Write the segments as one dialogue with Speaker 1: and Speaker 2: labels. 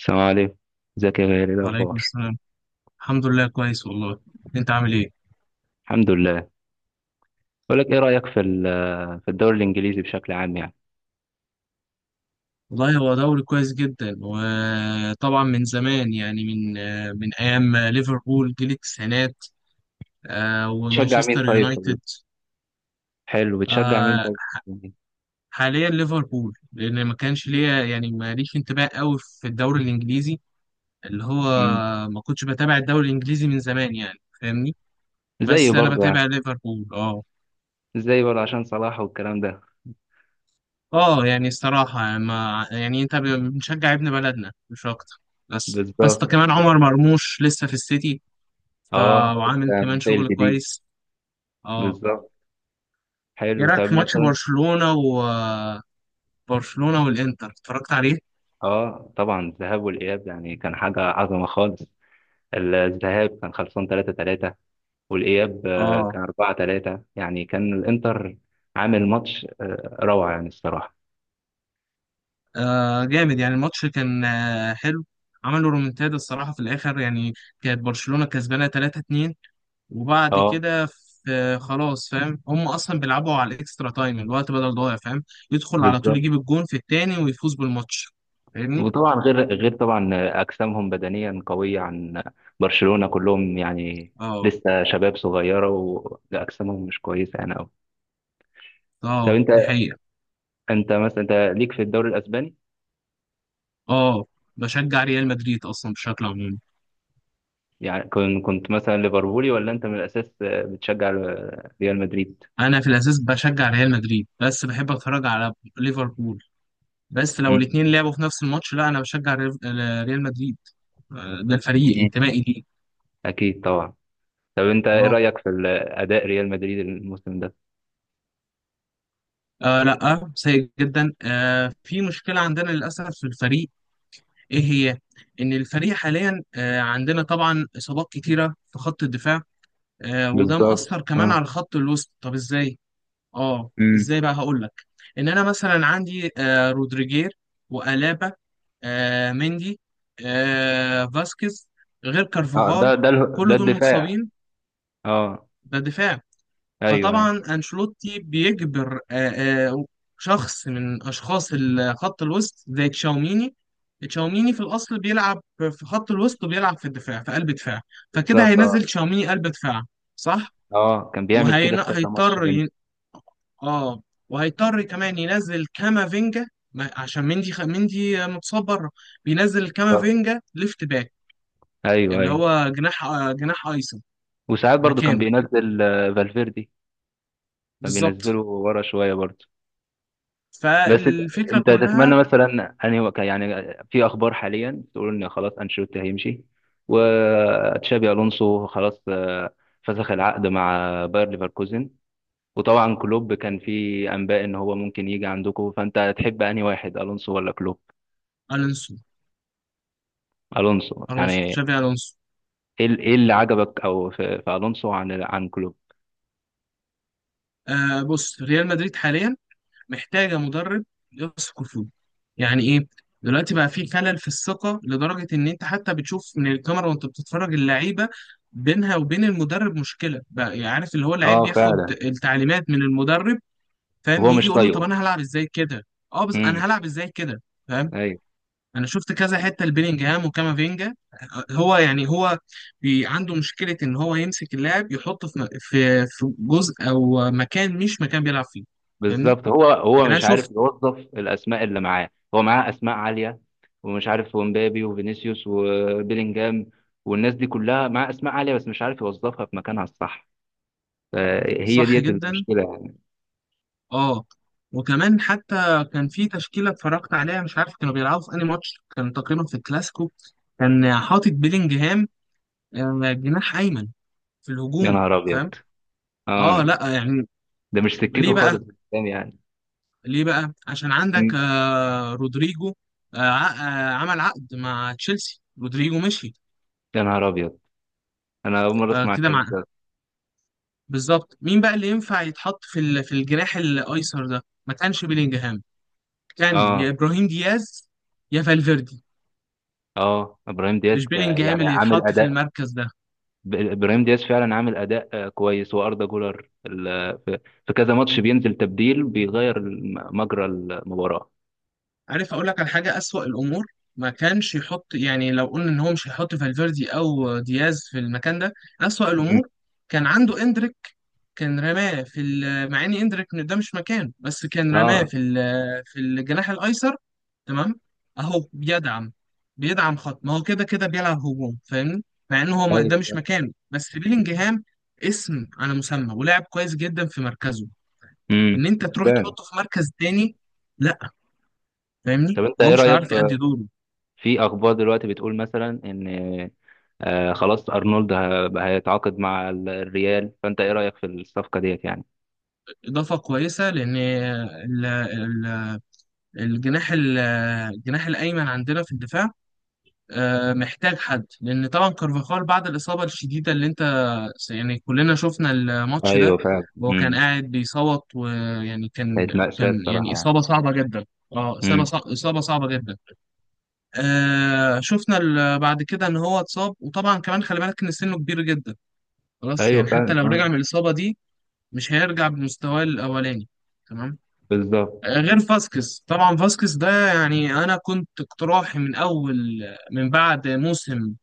Speaker 1: السلام عليكم. ازيك يا غالي؟ إيه
Speaker 2: وعليكم
Speaker 1: الاخبار؟
Speaker 2: السلام. الحمد لله كويس والله. انت عامل ايه؟
Speaker 1: الحمد لله. بقول لك ايه رايك في الدوري الانجليزي بشكل عام يعني؟
Speaker 2: والله هو دوري كويس جدا، وطبعا من زمان، يعني من من ايام ليفربول جيل التسعينات،
Speaker 1: تشجع مين
Speaker 2: ومانشستر
Speaker 1: طيب
Speaker 2: يونايتد.
Speaker 1: حلو، بتشجع مين
Speaker 2: آه،
Speaker 1: طيب؟
Speaker 2: حاليا ليفربول، لان ما كانش ليا يعني ماليش انتباه قوي في الدوري الانجليزي، اللي هو
Speaker 1: امم
Speaker 2: ما كنتش بتابع الدوري الانجليزي من زمان، يعني فاهمني،
Speaker 1: زي
Speaker 2: بس انا
Speaker 1: برضه يعني،
Speaker 2: بتابع ليفربول، اه.
Speaker 1: زي برضه عشان صلاح والكلام ده.
Speaker 2: اه، يعني الصراحة، ما يعني انت بنشجع ابن بلدنا مش اكتر. بس بس ده
Speaker 1: بالظبط.
Speaker 2: كمان عمر مرموش لسه في السيتي، ف-
Speaker 1: اه،
Speaker 2: وعامل
Speaker 1: لسه
Speaker 2: كمان
Speaker 1: زي
Speaker 2: شغل
Speaker 1: الجديد.
Speaker 2: كويس، اه.
Speaker 1: بالظبط.
Speaker 2: ايه
Speaker 1: حلو،
Speaker 2: رأيك
Speaker 1: طب
Speaker 2: في ماتش
Speaker 1: مثلا.
Speaker 2: برشلونة؟ وبرشلونة والانتر، اتفرجت عليه؟
Speaker 1: اه طبعا، الذهاب والاياب يعني كان حاجه عظمه خالص. الذهاب كان خلصان 3-3، والاياب
Speaker 2: اه،
Speaker 1: كان 4-3، يعني كان الانتر عامل ماتش روعه يعني الصراحه.
Speaker 2: جامد، يعني الماتش كان حلو. عملوا رومنتادا الصراحة في الآخر، يعني كانت برشلونة كسبانة 3-2، وبعد
Speaker 1: اه،
Speaker 2: كده في خلاص، فاهم، هم اصلا بيلعبوا على الاكسترا تايم، الوقت بدل ضايع، فاهم، يدخل على طول
Speaker 1: بالظبط.
Speaker 2: يجيب الجون في التاني ويفوز بالماتش، فاهمني.
Speaker 1: وطبعا غير طبعا اجسامهم بدنيا قويه عن برشلونه كلهم يعني،
Speaker 2: اه.
Speaker 1: لسه شباب صغيره، واجسامهم مش كويسه يعني قوي. طب
Speaker 2: اه،
Speaker 1: انت،
Speaker 2: دي حقيقة.
Speaker 1: انت مثلا انت ليك في الدوري الاسباني؟
Speaker 2: اه، بشجع ريال مدريد اصلا بشكل عمومي.
Speaker 1: يعني كنت مثلا ليفربولي، ولا انت من الاساس بتشجع ريال مدريد؟
Speaker 2: انا في الاساس بشجع ريال مدريد، بس بحب اتفرج على ليفربول، بس لو
Speaker 1: مم.
Speaker 2: الاتنين لعبوا في نفس الماتش، لا، انا بشجع ريال مدريد، ده الفريق
Speaker 1: مم.
Speaker 2: انتمائي ليه.
Speaker 1: اكيد طبعا. طب انت، ايه
Speaker 2: اه.
Speaker 1: رايك في اداء ريال مدريد الموسم ده؟
Speaker 2: لا، سيء جدا. في مشكلة عندنا للأسف في الفريق. ايه هي؟ ان الفريق حاليا عندنا طبعا اصابات كتيره في خط الدفاع، وده
Speaker 1: بالظبط،
Speaker 2: مأثر كمان
Speaker 1: اه.
Speaker 2: على خط الوسط. طب ازاي؟ اه،
Speaker 1: امم
Speaker 2: ازاي بقى، هقول لك. ان انا مثلا عندي رودريجير، وألابا، مندي، فاسكيز، غير
Speaker 1: اه، ده
Speaker 2: كارفاغال،
Speaker 1: ده اله- ده
Speaker 2: كل دول
Speaker 1: الدفاع.
Speaker 2: متصابين.
Speaker 1: اه،
Speaker 2: ده دفاع.
Speaker 1: ايوه ايوه.
Speaker 2: فطبعا أنشيلوتي بيجبر آه، شخص من أشخاص خط الوسط زي تشاوميني. تشاوميني في الأصل بيلعب في خط الوسط وبيلعب في الدفاع، في قلب دفاع، فكده
Speaker 1: بالظبط،
Speaker 2: هينزل تشاوميني قلب دفاع، صح.
Speaker 1: اه. كان بيعمل كده في كذا ماتش
Speaker 2: وهيضطر
Speaker 1: بين.
Speaker 2: ي... اه، وهيضطر كمان ينزل كامافينجا، عشان مندي مندي متصاب بره. بينزل
Speaker 1: بالظبط.
Speaker 2: كامافينجا ليفت باك،
Speaker 1: ايوه
Speaker 2: اللي
Speaker 1: ايوه.
Speaker 2: هو جناح جناح ايسر
Speaker 1: وساعات برضو كان
Speaker 2: مكانه.
Speaker 1: بينزل فالفيردي، كان بينزله
Speaker 2: بالظبط.
Speaker 1: ورا شويه برضو. بس انت،
Speaker 2: فالفكرة
Speaker 1: تتمنى
Speaker 2: كلها.
Speaker 1: مثلا يعني، في اخبار حاليا تقول ان خلاص انشيلوتي هيمشي، وتشابي الونسو خلاص فسخ العقد مع باير ليفركوزن، وطبعا كلوب كان في انباء ان هو ممكن يجي عندكم. فانت تحب انهي واحد، الونسو ولا كلوب؟
Speaker 2: ألونسو.
Speaker 1: الونسو. يعني
Speaker 2: الونسو،
Speaker 1: ايه
Speaker 2: تشافي الونسو.
Speaker 1: إيه اللي عجبك او في الونسو عن كلوب؟
Speaker 2: بص، ريال مدريد حاليا محتاجه مدرب يثق فيه. يعني ايه؟ دلوقتي بقى في خلل في الثقه، لدرجه ان انت حتى بتشوف من الكاميرا وانت بتتفرج اللعيبه، بينها وبين المدرب مشكله. بقى يعني عارف، اللي هو اللعيب
Speaker 1: اه
Speaker 2: بياخد
Speaker 1: فعلا.
Speaker 2: التعليمات من المدرب، فاهم،
Speaker 1: هو
Speaker 2: يجي
Speaker 1: مش
Speaker 2: يقول له طب
Speaker 1: طايقه.
Speaker 2: انا هلعب ازاي كده؟ اه، بس
Speaker 1: امم
Speaker 2: انا هلعب ازاي كده؟ فاهم.
Speaker 1: ايوه،
Speaker 2: انا شفت كذا حته لبيلينجهام وكامافينجا. هو يعني، هو بي عنده مشكله ان هو يمسك اللاعب، يحطه في في جزء او مكان مش مكان بيلعب فيه. فاهمني.
Speaker 1: بالظبط. هو
Speaker 2: يعني انا
Speaker 1: مش عارف
Speaker 2: شفت.
Speaker 1: يوظف الاسماء اللي معاه. هو معاه اسماء عاليه ومش عارف، ومبابي وفينيسيوس وبيلينجهام والناس دي كلها معاه اسماء عاليه، بس مش عارف يوظفها في مكانها الصح. فهي
Speaker 2: صح
Speaker 1: ديت
Speaker 2: جدا.
Speaker 1: المشكله يعني.
Speaker 2: اه، وكمان حتى كان في تشكيله اتفرجت عليها، مش عارف كانوا بيلعبوا في انهي ماتش، كان تقريبا في الكلاسيكو. كان حاطط بيلينجهام جناح ايمن في
Speaker 1: يا
Speaker 2: الهجوم،
Speaker 1: نهار
Speaker 2: فاهم.
Speaker 1: ابيض!
Speaker 2: اه،
Speaker 1: اه،
Speaker 2: لا يعني.
Speaker 1: ده مش سكته
Speaker 2: ليه بقى؟
Speaker 1: خالص بالكلام يعني.
Speaker 2: ليه بقى؟ عشان عندك
Speaker 1: مم.
Speaker 2: رودريجو، آه، ع- عمل عقد مع تشيلسي، رودريجو مشي.
Speaker 1: يا نهار ابيض! انا اول مره اسمع
Speaker 2: فكده
Speaker 1: الكلام
Speaker 2: مع،
Speaker 1: ده.
Speaker 2: بالظبط، مين بقى اللي ينفع يتحط في في الجناح الايسر ده؟ ما كانش بيلينجهام، كان يا
Speaker 1: اه.
Speaker 2: ابراهيم دياز يا فالفيردي.
Speaker 1: اه، ابراهيم دياز
Speaker 2: مش بيلينجهام
Speaker 1: يعني
Speaker 2: اللي
Speaker 1: عامل
Speaker 2: يتحط في
Speaker 1: اداء،
Speaker 2: المركز ده.
Speaker 1: ابراهيم دياز فعلا عامل اداء كويس، واردا جولر في كذا ماتش بينزل تبديل، بيغير مجرى المباراه.
Speaker 2: عارف اقول لك على حاجه؟ اسوأ الامور، ما كانش يحط، يعني لو قلنا ان هو مش هيحط فالفيردي او دياز في المكان ده، اسوأ
Speaker 1: مم.
Speaker 2: الامور كان عنده اندريك. كان رماه في مع اني ادرك ان ده مش مكانه، بس كان رماه
Speaker 1: اه،
Speaker 2: في في الجناح الايسر، تمام. اهو بيدعم، بيدعم خط، ما هو كده كده بيلعب هجوم، فاهمني، مع ان هو ده مش
Speaker 1: ايوه.
Speaker 2: مكانه. بس بيلينجهام اسم على مسمى، ولاعب كويس جدا في مركزه، ان
Speaker 1: امم
Speaker 2: انت تروح
Speaker 1: فعلا.
Speaker 2: تحطه في مركز تاني، لا. فاهمني،
Speaker 1: طب انت
Speaker 2: هو
Speaker 1: ايه
Speaker 2: مش
Speaker 1: رايك
Speaker 2: هيعرف
Speaker 1: في،
Speaker 2: يأدي دوره.
Speaker 1: اخبار دلوقتي بتقول مثلا ان خلاص ارنولد هيتعاقد مع الريال؟ فانت ايه رايك في الصفقه ديت يعني؟
Speaker 2: اضافه كويسه، لان الجناح الجناح الايمن عندنا في الدفاع، محتاج حد، لان طبعا كارفاخال بعد الاصابه الشديده، اللي انت يعني كلنا شفنا الماتش
Speaker 1: ايوه
Speaker 2: ده،
Speaker 1: فعلا.
Speaker 2: وهو كان
Speaker 1: امم
Speaker 2: قاعد بيصوت، ويعني كان،
Speaker 1: كانت مأساة
Speaker 2: كان يعني
Speaker 1: الصراحه يعني.
Speaker 2: اصابه صعبه جدا. اه، اصابه
Speaker 1: امم
Speaker 2: اصابه صعبه جدا. شفنا بعد كده ان هو اتصاب، وطبعا كمان خلي بالك ان سنه كبير جدا، خلاص،
Speaker 1: ايوه
Speaker 2: يعني حتى
Speaker 1: فعلا،
Speaker 2: لو
Speaker 1: اه.
Speaker 2: رجع من الاصابه دي مش هيرجع بمستواه الاولاني، تمام.
Speaker 1: بالظبط.
Speaker 2: غير فاسكس، طبعا فاسكس ده، يعني انا كنت اقتراحي من اول، من بعد موسم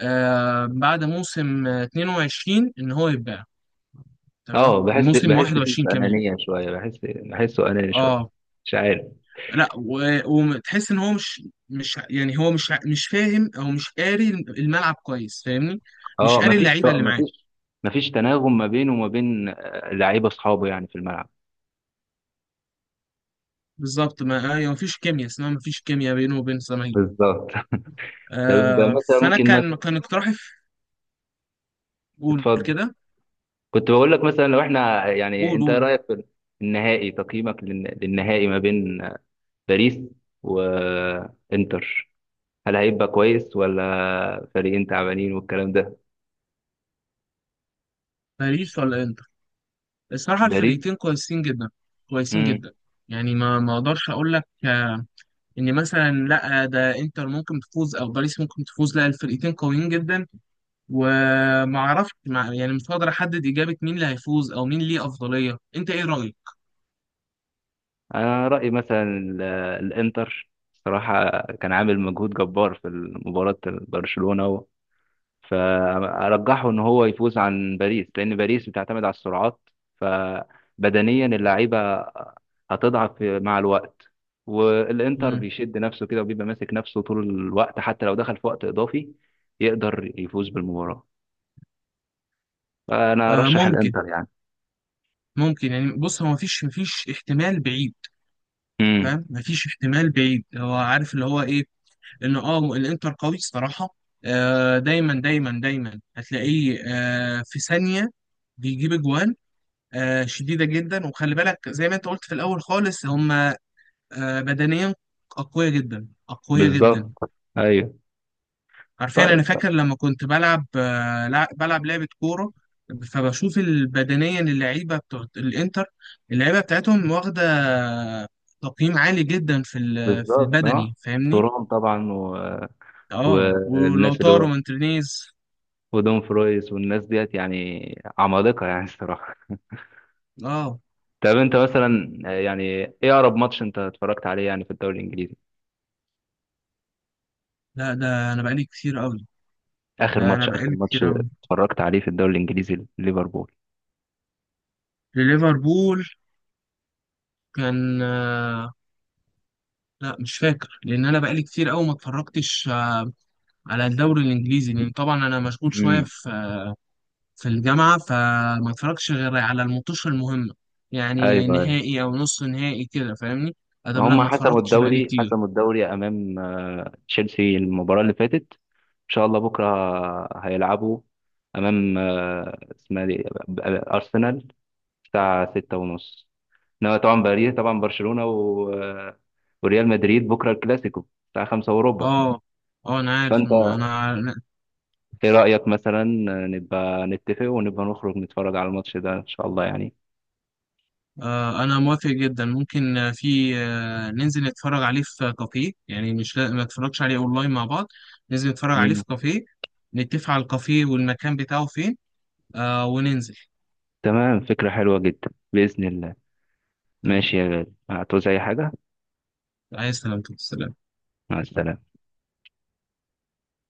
Speaker 2: بعد موسم 22 ان هو يتباع، تمام،
Speaker 1: اه، بحس
Speaker 2: موسم
Speaker 1: بحس فيه
Speaker 2: 21 كمان.
Speaker 1: انانيه شويه، بحس بحسه اناني شويه،
Speaker 2: اه،
Speaker 1: مش عارف.
Speaker 2: لا، وتحس ان هو مش، مش يعني، هو مش فاهم او مش قاري الملعب كويس، فاهمني، مش
Speaker 1: اه،
Speaker 2: قاري
Speaker 1: مفيش
Speaker 2: اللعيبه اللي معاه.
Speaker 1: مفيش مفيش تناغم ما بينه وما بين لعيبه اصحابه يعني في الملعب.
Speaker 2: بالظبط، ما ايوه، مفيش كيمياء اسمها، مفيش كيمياء بينه وبين الزماهير.
Speaker 1: بالظبط. طب مثلا،
Speaker 2: فانا
Speaker 1: ممكن
Speaker 2: كان
Speaker 1: مثلا.
Speaker 2: اقتراحي قول
Speaker 1: تتفضل.
Speaker 2: كده.
Speaker 1: كنت بقول لك مثلا، لو احنا يعني،
Speaker 2: قول
Speaker 1: انت ايه
Speaker 2: قول.
Speaker 1: رايك في النهائي، تقييمك للنهائي ما بين باريس وانتر؟ هل هيبقى كويس، ولا فريقين تعبانين والكلام ده؟
Speaker 2: باريس ولا انتر؟ الصراحه
Speaker 1: باريس.
Speaker 2: الفريقين كويسين جدا، كويسين
Speaker 1: امم
Speaker 2: جدا. يعني ما اقدرش اقول لك ان مثلا، لا، ده انتر ممكن تفوز او باريس ممكن تفوز، لا، الفرقتين قويين جدا، وما اعرفش، يعني مش هقدر احدد اجابه مين اللي هيفوز او مين ليه افضليه. انت ايه رايك؟
Speaker 1: انا رايي مثلا الانتر، صراحه كان عامل مجهود جبار في مباراه برشلونه، فارجحه ان هو يفوز عن باريس، لان باريس بتعتمد على السرعات، فبدنيا اللعيبه هتضعف مع الوقت. والانتر
Speaker 2: مم.
Speaker 1: بيشد نفسه كده وبيبقى ماسك نفسه طول الوقت، حتى لو دخل في وقت اضافي يقدر يفوز بالمباراه. فانا ارشح
Speaker 2: ممكن،
Speaker 1: الانتر يعني.
Speaker 2: يعني بص، هو مفيش احتمال بعيد،
Speaker 1: امم
Speaker 2: فاهم، مفيش احتمال بعيد. هو عارف اللي هو ايه، ان الانتر قوي الصراحه. دايما دايما دايما هتلاقيه في ثانيه بيجيب اجوان شديده جدا. وخلي بالك، زي ما انت قلت في الاول خالص، هم بدنيا أقوية جدا، أقوية جدا.
Speaker 1: بالظبط. ايوه.
Speaker 2: حرفيا أنا
Speaker 1: طيب،
Speaker 2: فاكر لما كنت بلعب بلعب لعبة كورة، فبشوف بدنيا اللعيبة بتوع الإنتر، اللعيبة بتاعتهم واخدة تقييم عالي جدا في في
Speaker 1: بالظبط، اه.
Speaker 2: البدني، فاهمني؟
Speaker 1: تورام طبعا،
Speaker 2: اه، ولو
Speaker 1: والناس اللي
Speaker 2: طاروا
Speaker 1: هو
Speaker 2: مارتينيز.
Speaker 1: ودون فرويس والناس ديت يعني عمالقه يعني الصراحه.
Speaker 2: اه،
Speaker 1: طب انت مثلا يعني، ايه اقرب ماتش انت اتفرجت عليه يعني في الدوري الانجليزي؟
Speaker 2: لا، ده أنا بقالي كتير أوي،
Speaker 1: اخر
Speaker 2: ده أنا
Speaker 1: ماتش،
Speaker 2: بقالي كتير أوي
Speaker 1: اتفرجت عليه في الدوري الانجليزي، ليفربول.
Speaker 2: لليفربول. كان لا، مش فاكر، لأن أنا بقالي كتير أوي ما اتفرجتش على الدوري الانجليزي، لان طبعا انا مشغول شويه
Speaker 1: امم
Speaker 2: في الجامعه، فما اتفرجش غير على الماتش المهمه، يعني
Speaker 1: ايوه ايوه.
Speaker 2: نهائي او نص نهائي كده، فاهمني. ادم، لا،
Speaker 1: هم
Speaker 2: ما
Speaker 1: حسموا
Speaker 2: اتفرجتش بقالي
Speaker 1: الدوري،
Speaker 2: كتير.
Speaker 1: امام تشيلسي المباراه اللي فاتت. ان شاء الله بكره هيلعبوا امام، آه، اسمها دي آه، آه، ارسنال، الساعه 6 ونص. انما طبعا باريس طبعا، برشلونه و... آه، وريال مدريد بكره الكلاسيكو الساعه 5 وربع.
Speaker 2: اه. اه، انا عارف
Speaker 1: فانت
Speaker 2: انا
Speaker 1: ايه رأيك مثلا، نبقى نتفق ونبقى نخرج نتفرج على الماتش ده ان شاء الله يعني؟
Speaker 2: انا موافق جدا، ممكن آه، في آه ننزل نتفرج عليه في كافيه، يعني مش ما اتفرجش عليه اونلاين، مع بعض ننزل نتفرج عليه
Speaker 1: مم.
Speaker 2: في كافيه، نتفق على الكافيه والمكان بتاعه فين، وننزل.
Speaker 1: تمام، فكرة حلوة جدا بإذن الله.
Speaker 2: تمام.
Speaker 1: ماشي يا غالي، هتعوز اي حاجة؟
Speaker 2: عايز سلامتك، سلام.
Speaker 1: مع السلامة.